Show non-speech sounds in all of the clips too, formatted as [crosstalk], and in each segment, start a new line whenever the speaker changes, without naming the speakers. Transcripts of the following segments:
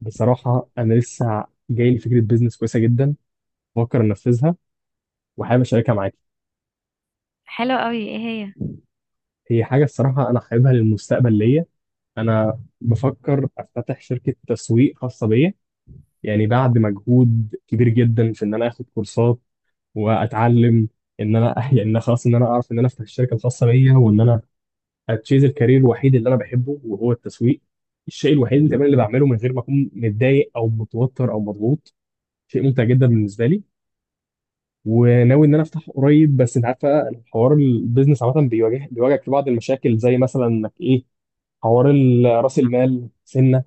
بصراحة أنا لسه جاي لي فكرة بيزنس كويسة جدا، بفكر أنفذها وحابب أشاركها معاكي.
حلو قوي، ايه هي؟
هي حاجة الصراحة أنا حاببها للمستقبل ليا. أنا بفكر أفتتح شركة تسويق خاصة بيا، يعني بعد مجهود كبير جدا في إن أنا آخد كورسات وأتعلم، إن أنا [laughs] يعني إن أنا خلاص، إن أنا أعرف إن أنا أفتح الشركة الخاصة بيا وإن أنا أتشيز الكارير الوحيد اللي أنا بحبه، وهو التسويق. الشيء الوحيد اللي كمان اللي بعمله من غير ما أكون متضايق أو متوتر أو مضغوط، شيء ممتع جدا بالنسبة لي. وناوي ان انا افتح قريب، بس انت عارفه الحوار البيزنس عامه بيواجهك في بعض المشاكل، زي مثلا انك ايه، حوار راس المال سنه.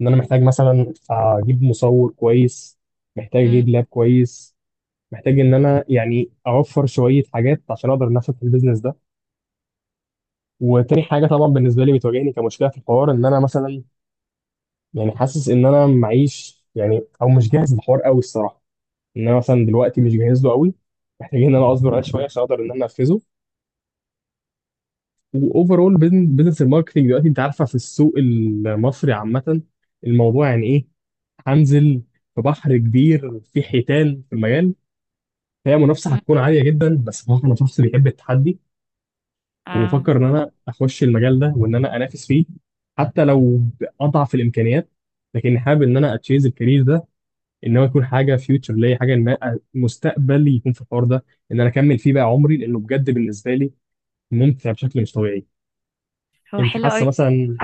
ان انا محتاج مثلا اجيب مصور كويس، محتاج
مم.
اجيب لاب كويس، محتاج ان انا يعني اوفر شويه حاجات عشان اقدر انافس في البيزنس ده. وتاني حاجه طبعا بالنسبه لي بتواجهني كمشكله في الحوار، ان انا مثلا يعني حاسس ان انا معيش يعني، او مش جاهز للحوار قوي الصراحه. ان انا مثلا دلوقتي مش جاهز له قوي، محتاجين ان انا اصبر عليه شويه عشان اقدر ان انا انفذه. واوفرول بزنس الماركتنج دلوقتي، انت عارفه في السوق المصري عامه الموضوع يعني ايه. هنزل في بحر كبير، في حيتان في المجال، هي منافسه
مم.
هتكون عاليه جدا، بس بصراحه انا شخص بيحب التحدي.
اه.
وبفكر ان انا اخش المجال ده وان انا انافس فيه، حتى لو باضعف الامكانيات، لكن حابب ان انا اتشيز الكارير ده، ان هو يكون حاجه فيوتشر ليا، حاجه ان أنا مستقبلي يكون في الحوار ده، ان انا اكمل فيه بقى عمري، لانه بجد بالنسبه لي ممتع بشكل مش طبيعي.
هو
انت
حلو
حاسه
قوي.
مثلا؟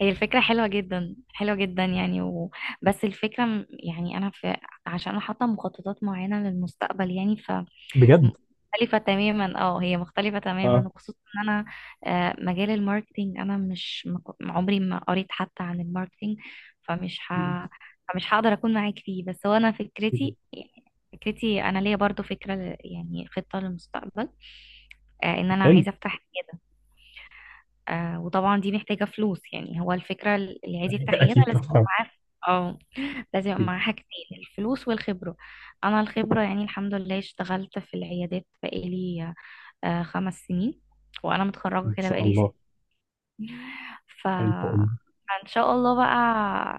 هي الفكرة حلوة جدا، حلوة جدا يعني. بس الفكرة يعني أنا. عشان أنا حاطة مخططات معينة للمستقبل يعني.
بجد.
مختلفة
اه
تماما، وخصوصا ان انا مجال الماركتينج انا مش ما كو- عمري ما قريت حتى عن الماركتينج. فمش ه... فمش هقدر اكون معاك فيه. بس هو انا فكرتي، انا ليا برضو فكرة يعني خطة للمستقبل. ان انا
حلو.
عايزة افتح عيادة. وطبعا دي محتاجة فلوس، يعني هو الفكرة اللي عايز
[laughs]
يفتح عيادة
اكيد
لازم
طبعا،
يبقى
اه.
معاه. اه. لازم يبقى
أكيد.
معاه حاجتين، الفلوس والخبرة. أنا الخبرة يعني الحمد لله اشتغلت في العيادات بقالي 5 سنين، وأنا متخرجة
ان
كده
شاء
بقالي.
الله.
[laughs] ف
الله اقول.
ان شاء الله بقى.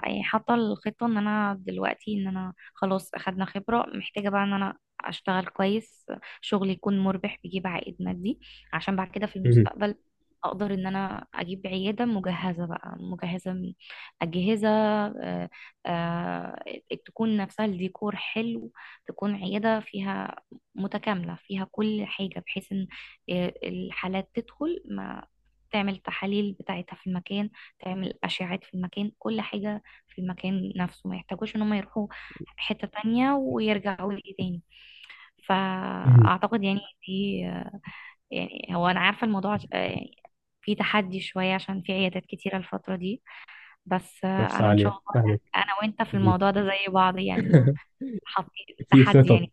يعني حاطه الخطه ان انا دلوقتي ان انا خلاص اخدنا خبره، محتاجه بقى ان انا اشتغل كويس، شغل يكون مربح بيجيب عائد مادي، عشان بعد كده في
مهم.
المستقبل اقدر ان انا اجيب عياده مجهزه بقى، مجهزه من اجهزه آه، تكون نفسها الديكور حلو، تكون عياده فيها متكامله فيها كل حاجه، بحيث ان الحالات تدخل، ما تعمل تحاليل بتاعتها في المكان، تعمل أشعات في المكان، كل حاجة في المكان نفسه، ما يحتاجوش ان هم يروحوا حتة تانية ويرجعوا لي تاني.
مهم.
فأعتقد يعني دي، يعني هو أنا عارفة الموضوع، يعني في تحدي شوية، عشان في عيادات كتيرة الفترة دي، بس
نفس
أنا إن شاء
عاليه،
الله.
فاهمك.
أنا وأنت في
مهم.
الموضوع ده زي بعض يعني، حاطين
في
تحدي
خطط.
يعني،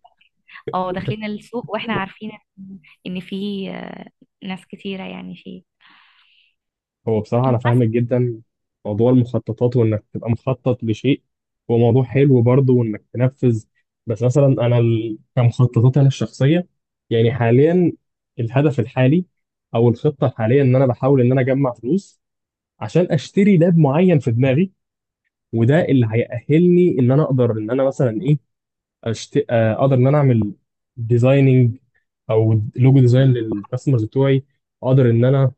أو داخلين السوق وإحنا عارفين إن في ناس كتيرة يعني فيه
هو بصراحه انا
بس.
فاهمك جدا موضوع المخططات، وانك تبقى مخطط لشيء هو موضوع حلو برضه، وانك تنفذ. بس مثلا انا كمخططات انا الشخصيه، يعني حاليا الهدف الحالي او الخطه الحاليه، ان انا بحاول ان انا اجمع فلوس عشان اشتري لاب معين في دماغي. وده اللي هيأهلني ان انا اقدر ان انا مثلا ايه، أشت... آه، اقدر ان انا اعمل ديزايننج او لوجو ديزاين
مم.
للكاستمرز بتوعي. اقدر ان انا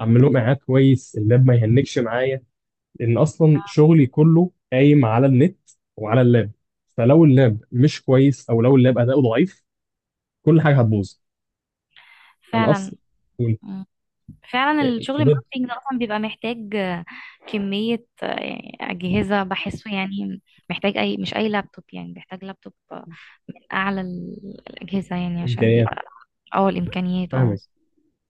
اعمل لهم اعاد كويس، اللاب ما يهنكش معايا، لان اصلا شغلي كله قايم على النت وعلى اللاب. فلو اللاب مش كويس او لو اللاب اداؤه ضعيف، كل حاجه هتبوظ. انا
فعلا،
اصلا
فعلا الشغل
اتفضل.
الماركتينج ده اصلا بيبقى محتاج كمية، يعني أجهزة بحسه يعني. محتاج أي، مش أي لابتوب يعني، بيحتاج لابتوب، من أعلى الأجهزة يعني، عشان
امكانيات،
بيبقى اه الإمكانيات اه.
فاهم.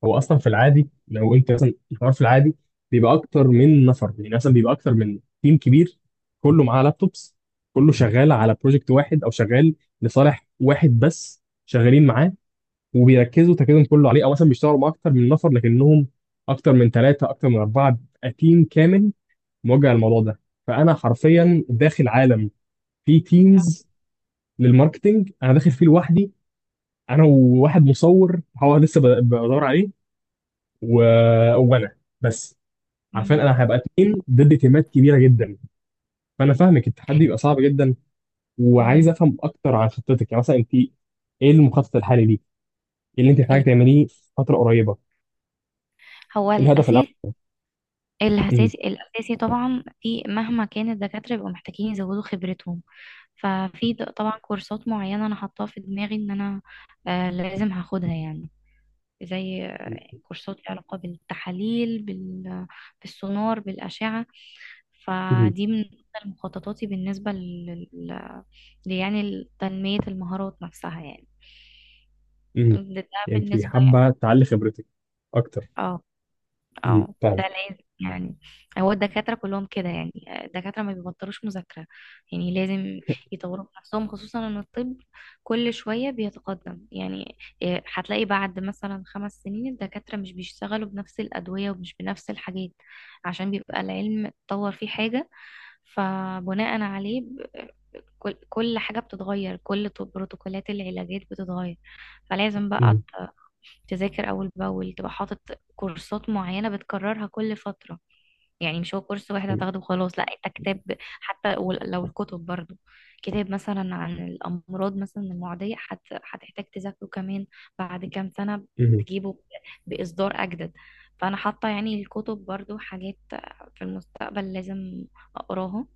هو اصلا في العادي لو انت مثلا الحوار في العادي، بيبقى اكتر من نفر، يعني مثلا بيبقى اكتر من تيم كبير، كله معاه لابتوبس، كله شغال على بروجكت واحد، او شغال لصالح واحد بس شغالين معاه وبيركزوا تركيزهم كله عليه. او مثلا بيشتغلوا مع اكتر من نفر لكنهم اكتر من ثلاثه، اكتر من اربعه، بيبقى تيم كامل موجه للموضوع ده. فانا حرفيا داخل عالم فيه تيمز للماركتنج، انا داخل فيه لوحدي، انا وواحد مصور هو لسه بدور عليه و... وانا بس. عارفين
مم.
انا هبقى اتنين ضد تيمات كبيره جدا، فانا فاهمك التحدي بيبقى صعب جدا. وعايز
مم.
افهم اكتر عن خطتك، يعني مثلا انت ايه المخطط الحالي ليك؟ ايه اللي انت محتاجه
ال-
تعمليه في فتره قريبه؟
هو
ايه الهدف الاول؟
الأساس
مم.
الأساسي طبعا، في مهما كان الدكاترة بيبقوا محتاجين يزودوا خبرتهم. ففي طبعا كورسات معينة أنا حاطاها في دماغي إن أنا لازم هاخدها، يعني زي كورسات ليها علاقة بالتحاليل، بالسونار بالأشعة.
مم.
فدي من ضمن مخططاتي يعني تنمية المهارات نفسها يعني.
مم.
ده
يعني انت
بالنسبة
حابه
يعني.
تعلي خبرتك اكتر.
اه
مم.
اه، ده
فاهمك.
لازم يعني. هو الدكاترة كلهم كده يعني، الدكاترة ما بيبطلوش مذاكرة، يعني لازم يطوروا من نفسهم، خصوصا ان الطب كل شوية بيتقدم يعني. إيه، هتلاقي بعد مثلا 5 سنين الدكاترة مش بيشتغلوا بنفس الأدوية ومش بنفس الحاجات، عشان بيبقى العلم اتطور فيه حاجة. فبناء عليه كل حاجة بتتغير، كل بروتوكولات العلاجات بتتغير. فلازم بقى
مم.
تذاكر أول بأول، تبقى حاطط كورسات معينة بتكررها كل فترة. يعني مش هو كورس واحد
فاهم.
هتاخده وخلاص، لا انت كتاب حتى لو الكتب برضو، كتاب مثلا عن الأمراض مثلا المعدية، هتحتاج تذاكره كمان بعد كام سنة،
مم.
تجيبه بإصدار أجدد. فأنا حاطة يعني الكتب برضو حاجات في المستقبل لازم أقراها.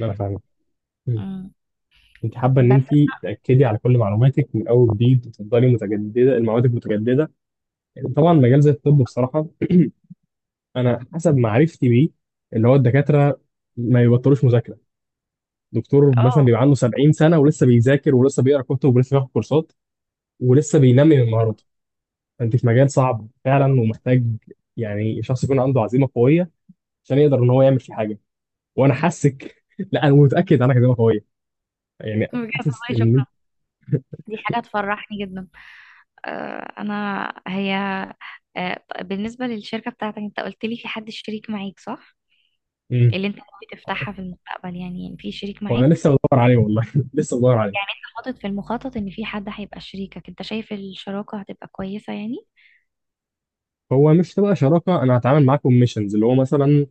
انا فاهمك. مم.
مم.
انت حابه ان
بس
انت تاكدي على كل معلوماتك من اول وجديد، وتفضلي متجدده المعلومات متجدده. طبعا مجال زي الطب بصراحه، انا حسب معرفتي بيه، اللي هو الدكاتره ما يبطلوش مذاكره. دكتور مثلا
اه.
بيبقى عنده 70 سنه ولسه بيذاكر، ولسه بيقرا كتب، ولسه بياخد كورسات، ولسه بينمي من مهاراته. فانت في مجال صعب فعلا، ومحتاج يعني شخص يكون عنده عزيمه قويه عشان يقدر ان هو يعمل فيه حاجه. وانا حاسك [laughs] لا، انا متاكد عنك عزيمه قويه، يعني
بجد
حاسس
والله شكرا،
ان.
دي حاجة تفرحني جدا. أنا هي بالنسبة للشركة بتاعتك، أنت قلت لي في حد شريك معاك صح؟
امم.
اللي أنت بتفتحها في المستقبل يعني، يعني في شريك
وانا
معاك،
لسه بدور عليه والله، [laughs] لسه بدور عليه.
حاطط في المخطط إن في حد هيبقى شريكك، أنت شايف الشراكة هتبقى كويسة يعني؟
هو مش تبقى شراكه، انا هتعامل معاكم ميشنز، اللي هو مثلا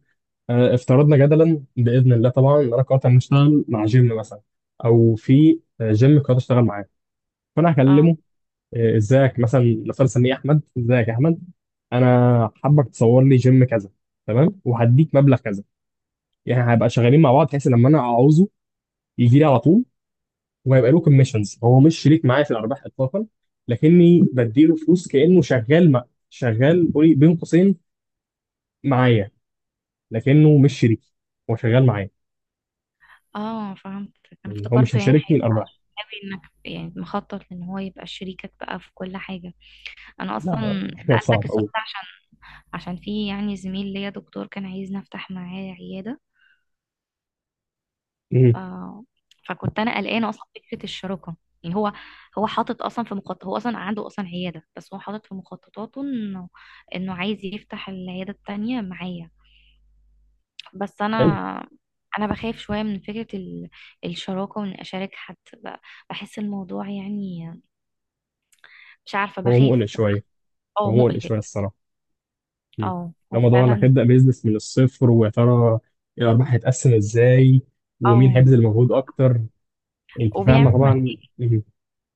آه، افترضنا جدلا باذن الله طبعا ان انا قررت ان اشتغل مع جيم مثلا، او في آه، جيم قررت اشتغل معاه، فانا
اه
هكلمه آه، ازيك مثلا، نفترض اسميه احمد، ازيك يا احمد، انا حابك تصور لي جيم كذا، تمام وهديك مبلغ كذا. يعني هيبقى شغالين مع بعض بحيث لما انا اعوزه يجي لي على طول، وهيبقى له كوميشنز، هو مش شريك معايا في الارباح اطلاقا، لكني بديله فلوس كانه شغال مع، شغال قولي بين قوسين معايا، لكنه مش شريك، هو شغال معايا.
اه، فهمت. أنا
يعني هو مش
افتكرته يعني،
هيشاركني الارباح.
هيبقى إنك يعني مخطط إن هو يبقى شريكك بقى في كل حاجة. أنا
لا،
أصلا
[laughs] لا،
سألتك
صعب
السؤال
أوي.
ده عشان في يعني زميل ليا دكتور كان عايزني أفتح معاه عيادة.
مم.
آه، فكنت انا قلقانه اصلا فكره الشراكه. يعني هو حاطط اصلا في مخطط، هو اصلا عنده اصلا عياده، بس هو حاطط في مخططاته انه عايز يفتح العياده التانيه معايا. بس
حلو.
انا بخاف شويه من فكره الشراكه، وان اشارك حد ب- بحس الموضوع يعني، مش عارفه
هو
بخاف.
مقلق شويه، هو
اه،
مقلق
مقلق.
شويه الصراحه. مم.
اه،
ده
هو
موضوع انك
فعلا.
هتبدا بيزنس من الصفر، ويا ترى الارباح هتتقسم ازاي، ومين
اه،
هيبذل مجهود اكتر. انت فاهمه
وبيعمل
طبعا.
مشاكل.
مم.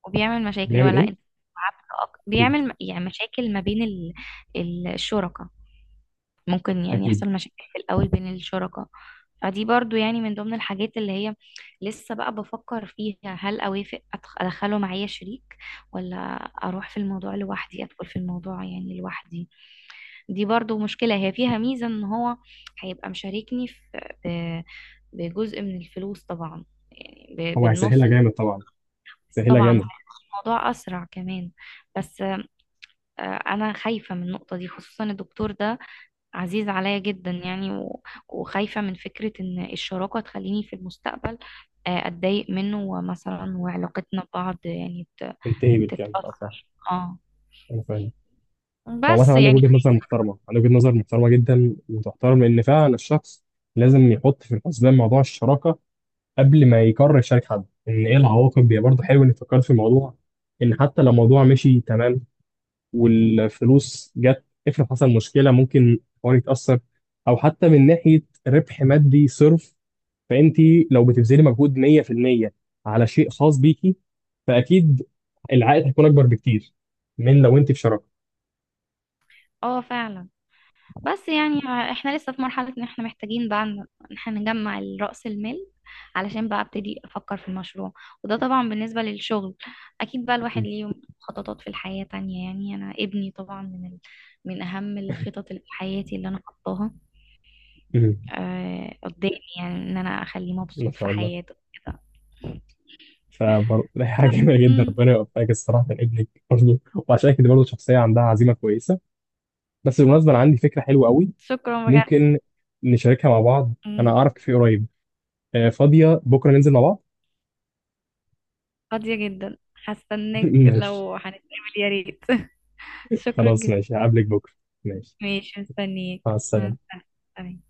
بيعمل
ولا انت
ايه؟ اكيد.
بيعمل يعني مشاكل ما بين الشركاء. ممكن يعني
اكيد.
يحصل مشاكل في الأول بين الشركاء. فدي برضو يعني من ضمن الحاجات اللي هي لسه بقى بفكر فيها، هل أوافق أدخله معايا شريك، ولا أروح في الموضوع لوحدي، أدخل في الموضوع يعني لوحدي. دي برضو مشكلة، هي فيها ميزة إن هو هيبقى مشاركني في ب- بجزء من الفلوس طبعا، يعني
هو هيسهلها
بالنص.
جامد طبعا، سهلها
طبعا هيبقى
جامد.
الموضوع أسرع كمان، بس أنا خايفة من النقطة دي، خصوصا الدكتور ده عزيز عليا جدا يعني وخايفة من فكرة ان الشراكة تخليني في المستقبل اتضايق منه مثلا، وعلاقتنا ببعض يعني
انتهي بالكلام، اه فاهم.
تتأثر. اه،
انا فاهم. هو مثلا
بس
عندك
يعني.
وجهه نظر محترمه، عندك وجهه نظر محترمه جدا وتحترم، لان فعلا الشخص لازم يحط في الحسبان موضوع الشراكه قبل ما يقرر يشارك حد، ان ايه العواقب. هي برضه حلو انك فكرت في الموضوع، ان حتى لو الموضوع مشي تمام والفلوس جت، افرض حصل مشكله ممكن الحوار يتاثر، او حتى من ناحيه ربح مادي صرف. فانت لو بتبذلي مجهود 100% على شيء خاص بيكي، فاكيد العائد هيكون اكبر بكتير من لو انت في شراكه.
اه، فعلا. بس يعني احنا لسه في مرحلة ان احنا محتاجين بقى ان احنا نجمع رأس المال، علشان بقى ابتدي افكر في المشروع. وده طبعا بالنسبة للشغل، اكيد بقى الواحد ليه خططات في الحياة تانية. يعني انا ابني طبعا من اهم الخطط اللي في حياتي اللي انا حطاها
أمم.
قدامي، يعني ان انا اخليه
ما
مبسوط في
شاء الله.
حياته كده. [laughs]
فبرضه ده [laughs] حاجه جميله جدا،
مم.
ربنا يوفقك الصراحه من ابنك برضه. وعشان كده برضه شخصيه عندها عزيمه كويسه. بس بالمناسبة أنا عندي فكرة حلوة قوي،
شكرا بجد.
ممكن نشاركها مع بعض. أنا
مم.
أعرف كافيه قريب، آه، فاضية بكرة ننزل مع بعض؟
فاضية جدا،
[laughs]
هستناك
ماشي.
لو هنتقابل. يا ريت. [laughs] شكرا
خلاص
جدا.
ماشي، هقابلك بكرة. ماشي.
ماشي، مستنيك.
مع
مع
السلامة.
السلامة.